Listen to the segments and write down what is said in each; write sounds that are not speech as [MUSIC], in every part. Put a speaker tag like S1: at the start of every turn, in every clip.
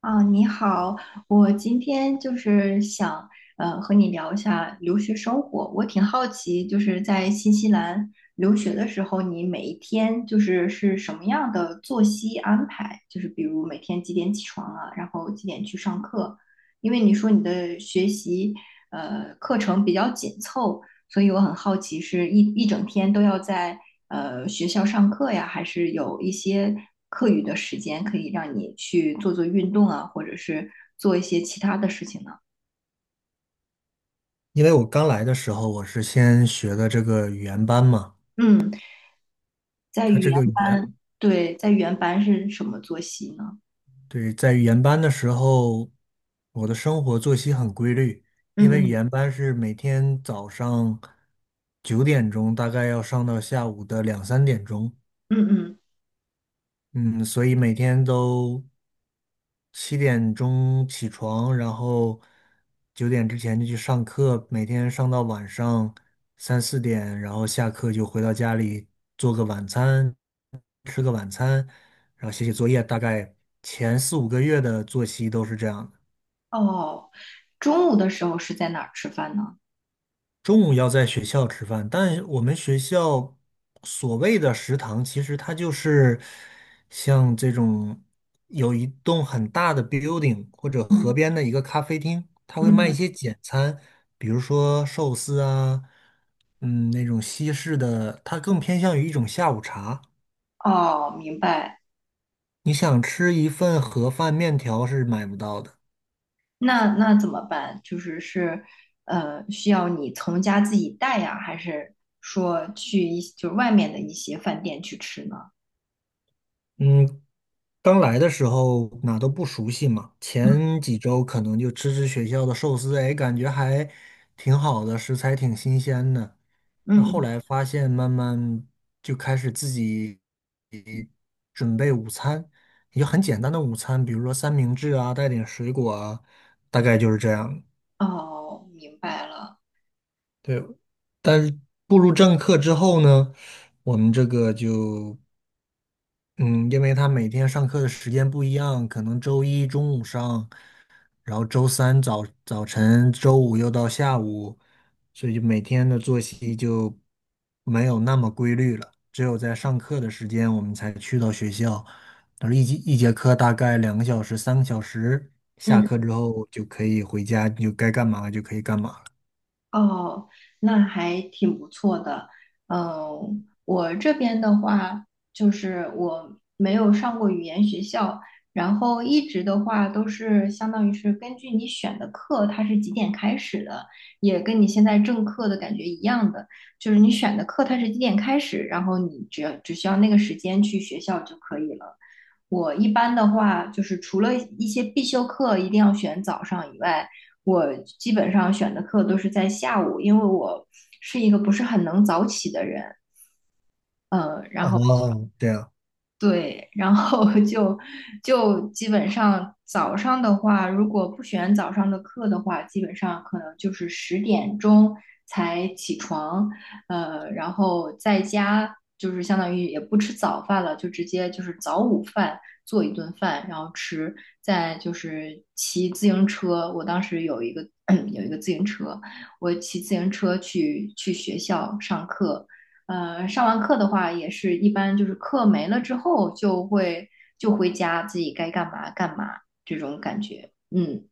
S1: 啊，你好，我今天就是想和你聊一下留学生活。我挺好奇，就是在新西兰留学的时候，你每一天就是什么样的作息安排？就是比如每天几点起床啊，然后几点去上课？因为你说你的学习课程比较紧凑，所以我很好奇，是一整天都要在学校上课呀，还是有一些课余的时间可以让你去做做运动啊，或者是做一些其他的事情呢？
S2: 因为我刚来的时候，我是先学的这个语言班嘛。
S1: 嗯，在
S2: 他
S1: 语
S2: 这
S1: 言
S2: 个语言，
S1: 班，对，在语言班是什么作息呢？
S2: 对，在语言班的时候，我的生活作息很规律，因
S1: 嗯
S2: 为语
S1: 嗯
S2: 言班是每天早上9点钟，大概要上到下午的2、3点钟。
S1: 嗯嗯。
S2: 嗯，所以每天都7点钟起床，然后九点之前就去上课，每天上到晚上3、4点，然后下课就回到家里做个晚餐，吃个晚餐，然后写写作业，大概前4、5个月的作息都是这样的。
S1: 哦，中午的时候是在哪儿吃饭呢？
S2: 中午要在学校吃饭，但我们学校所谓的食堂，其实它就是像这种有一栋很大的 building 或者河
S1: 嗯
S2: 边的一个咖啡厅，它
S1: 嗯
S2: 会卖一
S1: 嗯。
S2: 些简餐，比如说寿司啊，那种西式的，它更偏向于一种下午茶。
S1: 哦，明白。
S2: 你想吃一份盒饭面条是买不到的。
S1: 那怎么办？就是是，需要你从家自己带呀，还是说就是外面的一些饭店去吃呢？
S2: 嗯，刚来的时候哪都不熟悉嘛，前几周可能就吃吃学校的寿司，哎，感觉还挺好的，食材挺新鲜的。那
S1: 嗯
S2: 后
S1: 嗯。
S2: 来发现，慢慢就开始自己准备午餐，也就很简单的午餐，比如说三明治啊，带点水果啊，大概就是这样。
S1: 哦，明白了。
S2: 对，但是步入正课之后呢，我们这个就，嗯，因为他每天上课的时间不一样，可能周一中午上。然后周三早晨，周五又到下午，所以就每天的作息就没有那么规律了。只有在上课的时间，我们才去到学校。然后一节一节课大概2个小时、3个小时，下课
S1: 嗯。
S2: 之后就可以回家，就该干嘛就可以干嘛了。
S1: 哦，那还挺不错的。嗯，我这边的话，就是我没有上过语言学校，然后一直的话都是相当于是根据你选的课，它是几点开始的，也跟你现在正课的感觉一样的，就是你选的课它是几点开始，然后你只需要那个时间去学校就可以了。我一般的话，就是除了一些必修课一定要选早上以外，我基本上选的课都是在下午，因为我是一个不是很能早起的人。嗯，然后
S2: 哦，这样，
S1: 对，然后 [LAUGHS] 就基本上早上的话，如果不选早上的课的话，基本上可能就是10点钟才起床。然后在家就是相当于也不吃早饭了，就直接就是早午饭做一顿饭，然后吃，再就是骑自行车。我当时有一个 [CLEARS THROAT] 有一个自行车，我骑自行车去学校上课。上完课的话，也是一般就是课没了之后就回家，自己该干嘛干嘛这种感觉。嗯。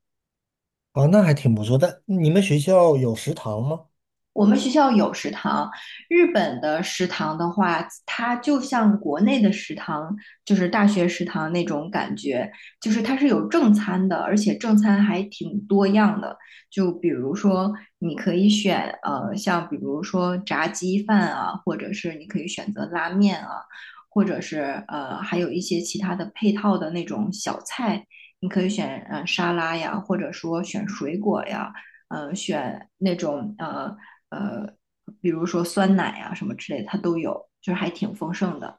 S2: 哦，那还挺不错的。但你们学校有食堂吗？
S1: 我们学校有食堂，日本的食堂的话，它就像国内的食堂，就是大学食堂那种感觉，就是它是有正餐的，而且正餐还挺多样的。就比如说，你可以选像比如说炸鸡饭啊，或者是你可以选择拉面啊，或者是还有一些其他的配套的那种小菜，你可以选沙拉呀，或者说选水果呀。呃选那种呃呃，比如说酸奶啊什么之类的，它都有，就是还挺丰盛的。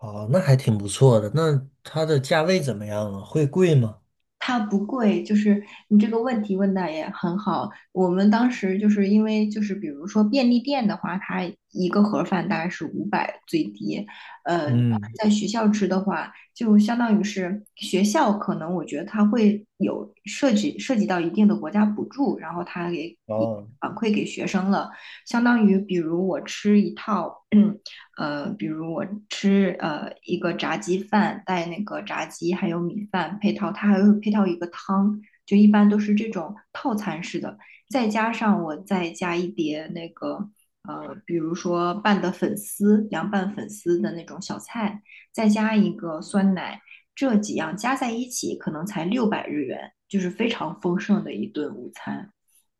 S2: 哦，那还挺不错的。那它的价位怎么样啊？会贵吗？
S1: 它不贵，就是你这个问题问的也很好。我们当时就是因为就是比如说便利店的话，它一个盒饭大概是500最低。呃，
S2: 嗯。
S1: 在学校吃的话，就相当于是学校可能我觉得它会有涉及到一定的国家补助，然后它给
S2: 哦。
S1: 反馈给学生了，相当于比如我吃一套 [CLEARS THROAT] 比如我吃一个炸鸡饭，带那个炸鸡还有米饭配套，它还会配套一个汤，就一般都是这种套餐式的，再加上我再加一碟那个比如说拌的粉丝，凉拌粉丝的那种小菜。再加一个酸奶，这几样加在一起可能才600日元，就是非常丰盛的一顿午餐，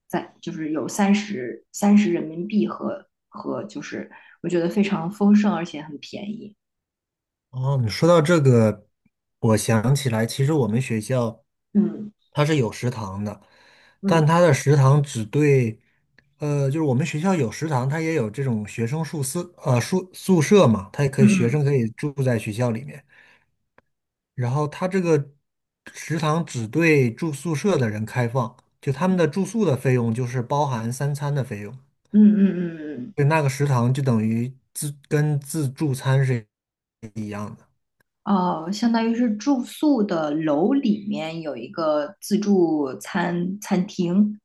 S1: 就是有三十人民币，和就是我觉得非常丰盛而且很便宜。
S2: 哦，你说到这个，我想起来，其实我们学校
S1: 嗯
S2: 它是有食堂的，
S1: 嗯
S2: 但它的食堂只对，呃，就是我们学校有食堂，它也有这种学生宿舍，宿舍嘛，它也可以学
S1: 嗯
S2: 生可以住在学校里面。然后它这个食堂只对住宿舍的人开放，就他们的住宿的费用就是包含三餐的费用，
S1: 嗯嗯嗯嗯。
S2: 就那个食堂就等于自助餐是一样的。
S1: 哦，相当于是住宿的楼里面有一个自助餐餐厅，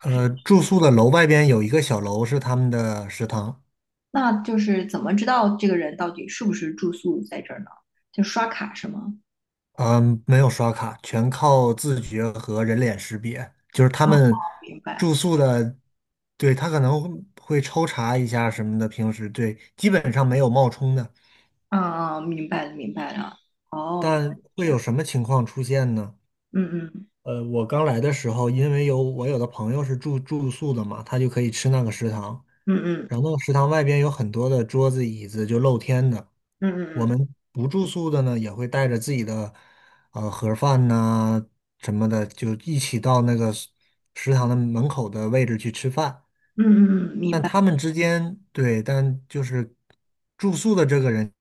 S2: 住宿的楼外边有一个小楼是他们的食堂，
S1: 那就是怎么知道这个人到底是不是住宿在这儿呢？就刷卡是吗？
S2: 嗯，没有刷卡，全靠自觉和人脸识别。就是他
S1: 哦，
S2: 们
S1: 明白。
S2: 住宿的，对，他可能会抽查一下什么的，平时对，基本上没有冒充的。
S1: 嗯，嗯明白了，明白了。哦，原来
S2: 但
S1: 是
S2: 会
S1: 这样。
S2: 有什么情况出现呢？
S1: 嗯嗯
S2: 我刚来的时候，因为我有的朋友是住宿的嘛，他就可以吃那个食堂，
S1: 嗯
S2: 然后那个食堂外边有很多的桌子椅子，就露天的。
S1: 嗯
S2: 我
S1: 嗯嗯
S2: 们不住宿的呢，也会带着自己的盒饭呐、什么的，就一起到那个食堂的门口的位置去吃饭。
S1: 嗯嗯嗯，明
S2: 但
S1: 白。
S2: 他们之间，对，但就是住宿的这个人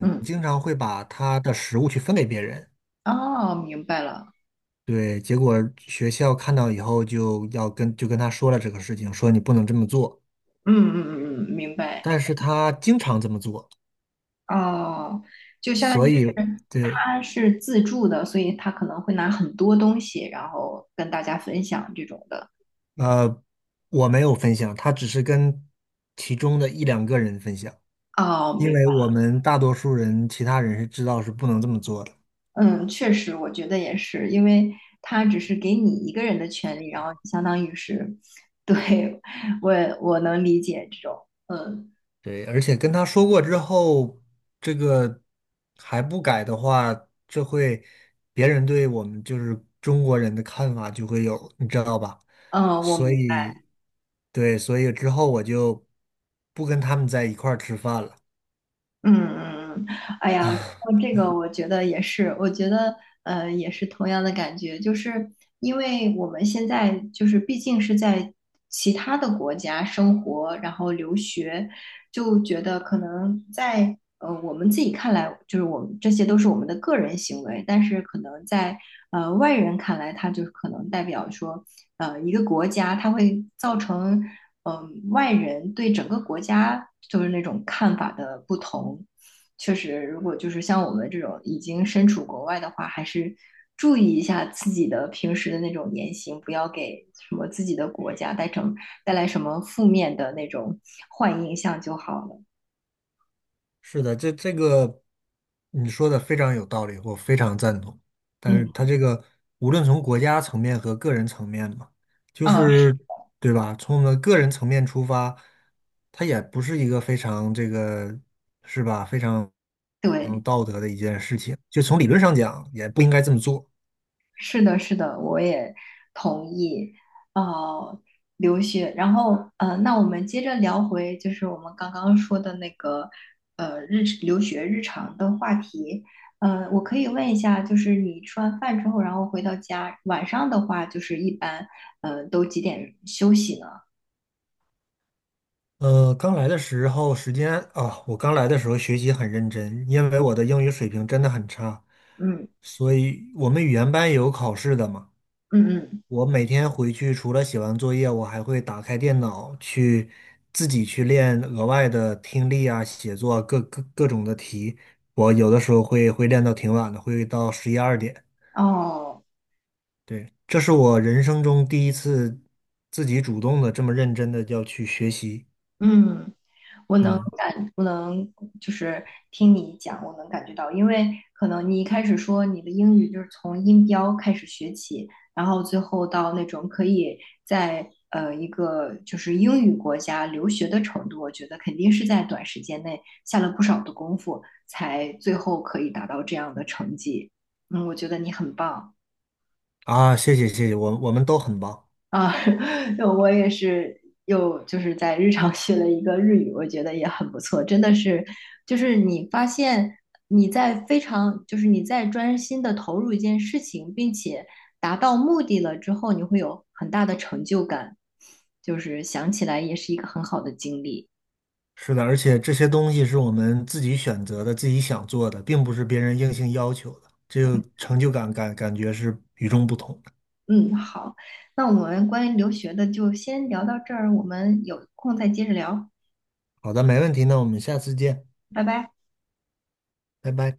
S1: 嗯。
S2: 经常会把他的食物去分给别人。
S1: 哦，明白了。
S2: 对，结果学校看到以后就跟他说了这个事情，说你不能这么做。
S1: 嗯嗯嗯嗯，明白。
S2: 但是他经常这么做，
S1: 哦，就相当于
S2: 所以
S1: 是
S2: 对，
S1: 他是自助的，所以他可能会拿很多东西，然后跟大家分享这种的。
S2: 呃，我没有分享，他只是跟其中的一两个人分享，
S1: 哦，
S2: 因
S1: 明
S2: 为
S1: 白。
S2: 我们大多数人，其他人是知道是不能这么做的。
S1: 嗯，确实，我觉得也是，因为他只是给你一个人的权利，然后相当于是，[LAUGHS] 对，我我能理解这种。嗯。
S2: 对，而且跟他说过之后，这个还不改的话，这会别人对我们就是中国人的看法就会有，你知道吧？
S1: 嗯，
S2: 所以，对，所以之后我就不跟他们在一块儿吃饭了。
S1: 嗯嗯嗯，哎呀，说这个我觉得也是，我觉得也是同样的感觉，就是因为我们现在就是毕竟是在其他的国家生活，然后留学，就觉得可能在我们自己看来，就是我们这些都是我们的个人行为，但是可能在外人看来，它就可能代表说一个国家，它会造成。嗯，外人对整个国家就是那种看法的不同。确实，如果就是像我们这种已经身处国外的话，还是注意一下自己的平时的那种言行，不要给什么自己的国家带来什么负面的那种坏印象就好了。
S2: 是的，这个你说的非常有道理，我非常赞同。但是
S1: 嗯，
S2: 它这个无论从国家层面和个人层面嘛，就
S1: 嗯，是
S2: 是对吧？从我们个人层面出发，它也不是一个非常这个是吧？非常
S1: 对。
S2: 道德的一件事情。就从理论上讲，也不应该这么做。
S1: 是的，是的，我也同意。呃，留学，然后那我们接着聊回就是我们刚刚说的那个留学日常的话题。我可以问一下，就是你吃完饭之后，然后回到家，晚上的话，就是一般都几点休息呢？
S2: 呃，刚来的时候时间啊，我刚来的时候学习很认真，因为我的英语水平真的很差，
S1: 嗯
S2: 所以我们语言班也有考试的嘛。
S1: 嗯嗯。
S2: 我每天回去除了写完作业，我还会打开电脑去自己去练额外的听力啊、写作啊各种的题。我有的时候会练到挺晚的，会到11、12点。
S1: 哦。
S2: 对，这是我人生中第一次自己主动的这么认真的要去学习。
S1: 嗯，我能。
S2: 嗯，
S1: 不能就是听你讲，我能感觉到，因为可能你一开始说你的英语就是从音标开始学起，然后最后到那种可以在一个就是英语国家留学的程度，我觉得肯定是在短时间内下了不少的功夫，才最后可以达到这样的成绩。嗯，我觉得你很棒。
S2: 啊，谢谢谢谢，我们都很棒。
S1: 啊，[LAUGHS] 我也是又就是在日常学了一个日语，我觉得也很不错，真的是，就是你发现你在非常，就是你在专心的投入一件事情，并且达到目的了之后，你会有很大的成就感，就是想起来也是一个很好的经历。
S2: 是的，而且这些东西是我们自己选择的、自己想做的，并不是别人硬性要求的，这个成就感感觉是与众不同的。
S1: 嗯，好，那我们关于留学的就先聊到这儿，我们有空再接着聊，
S2: 好的，没问题，那我们下次见，
S1: 拜拜。
S2: 拜拜。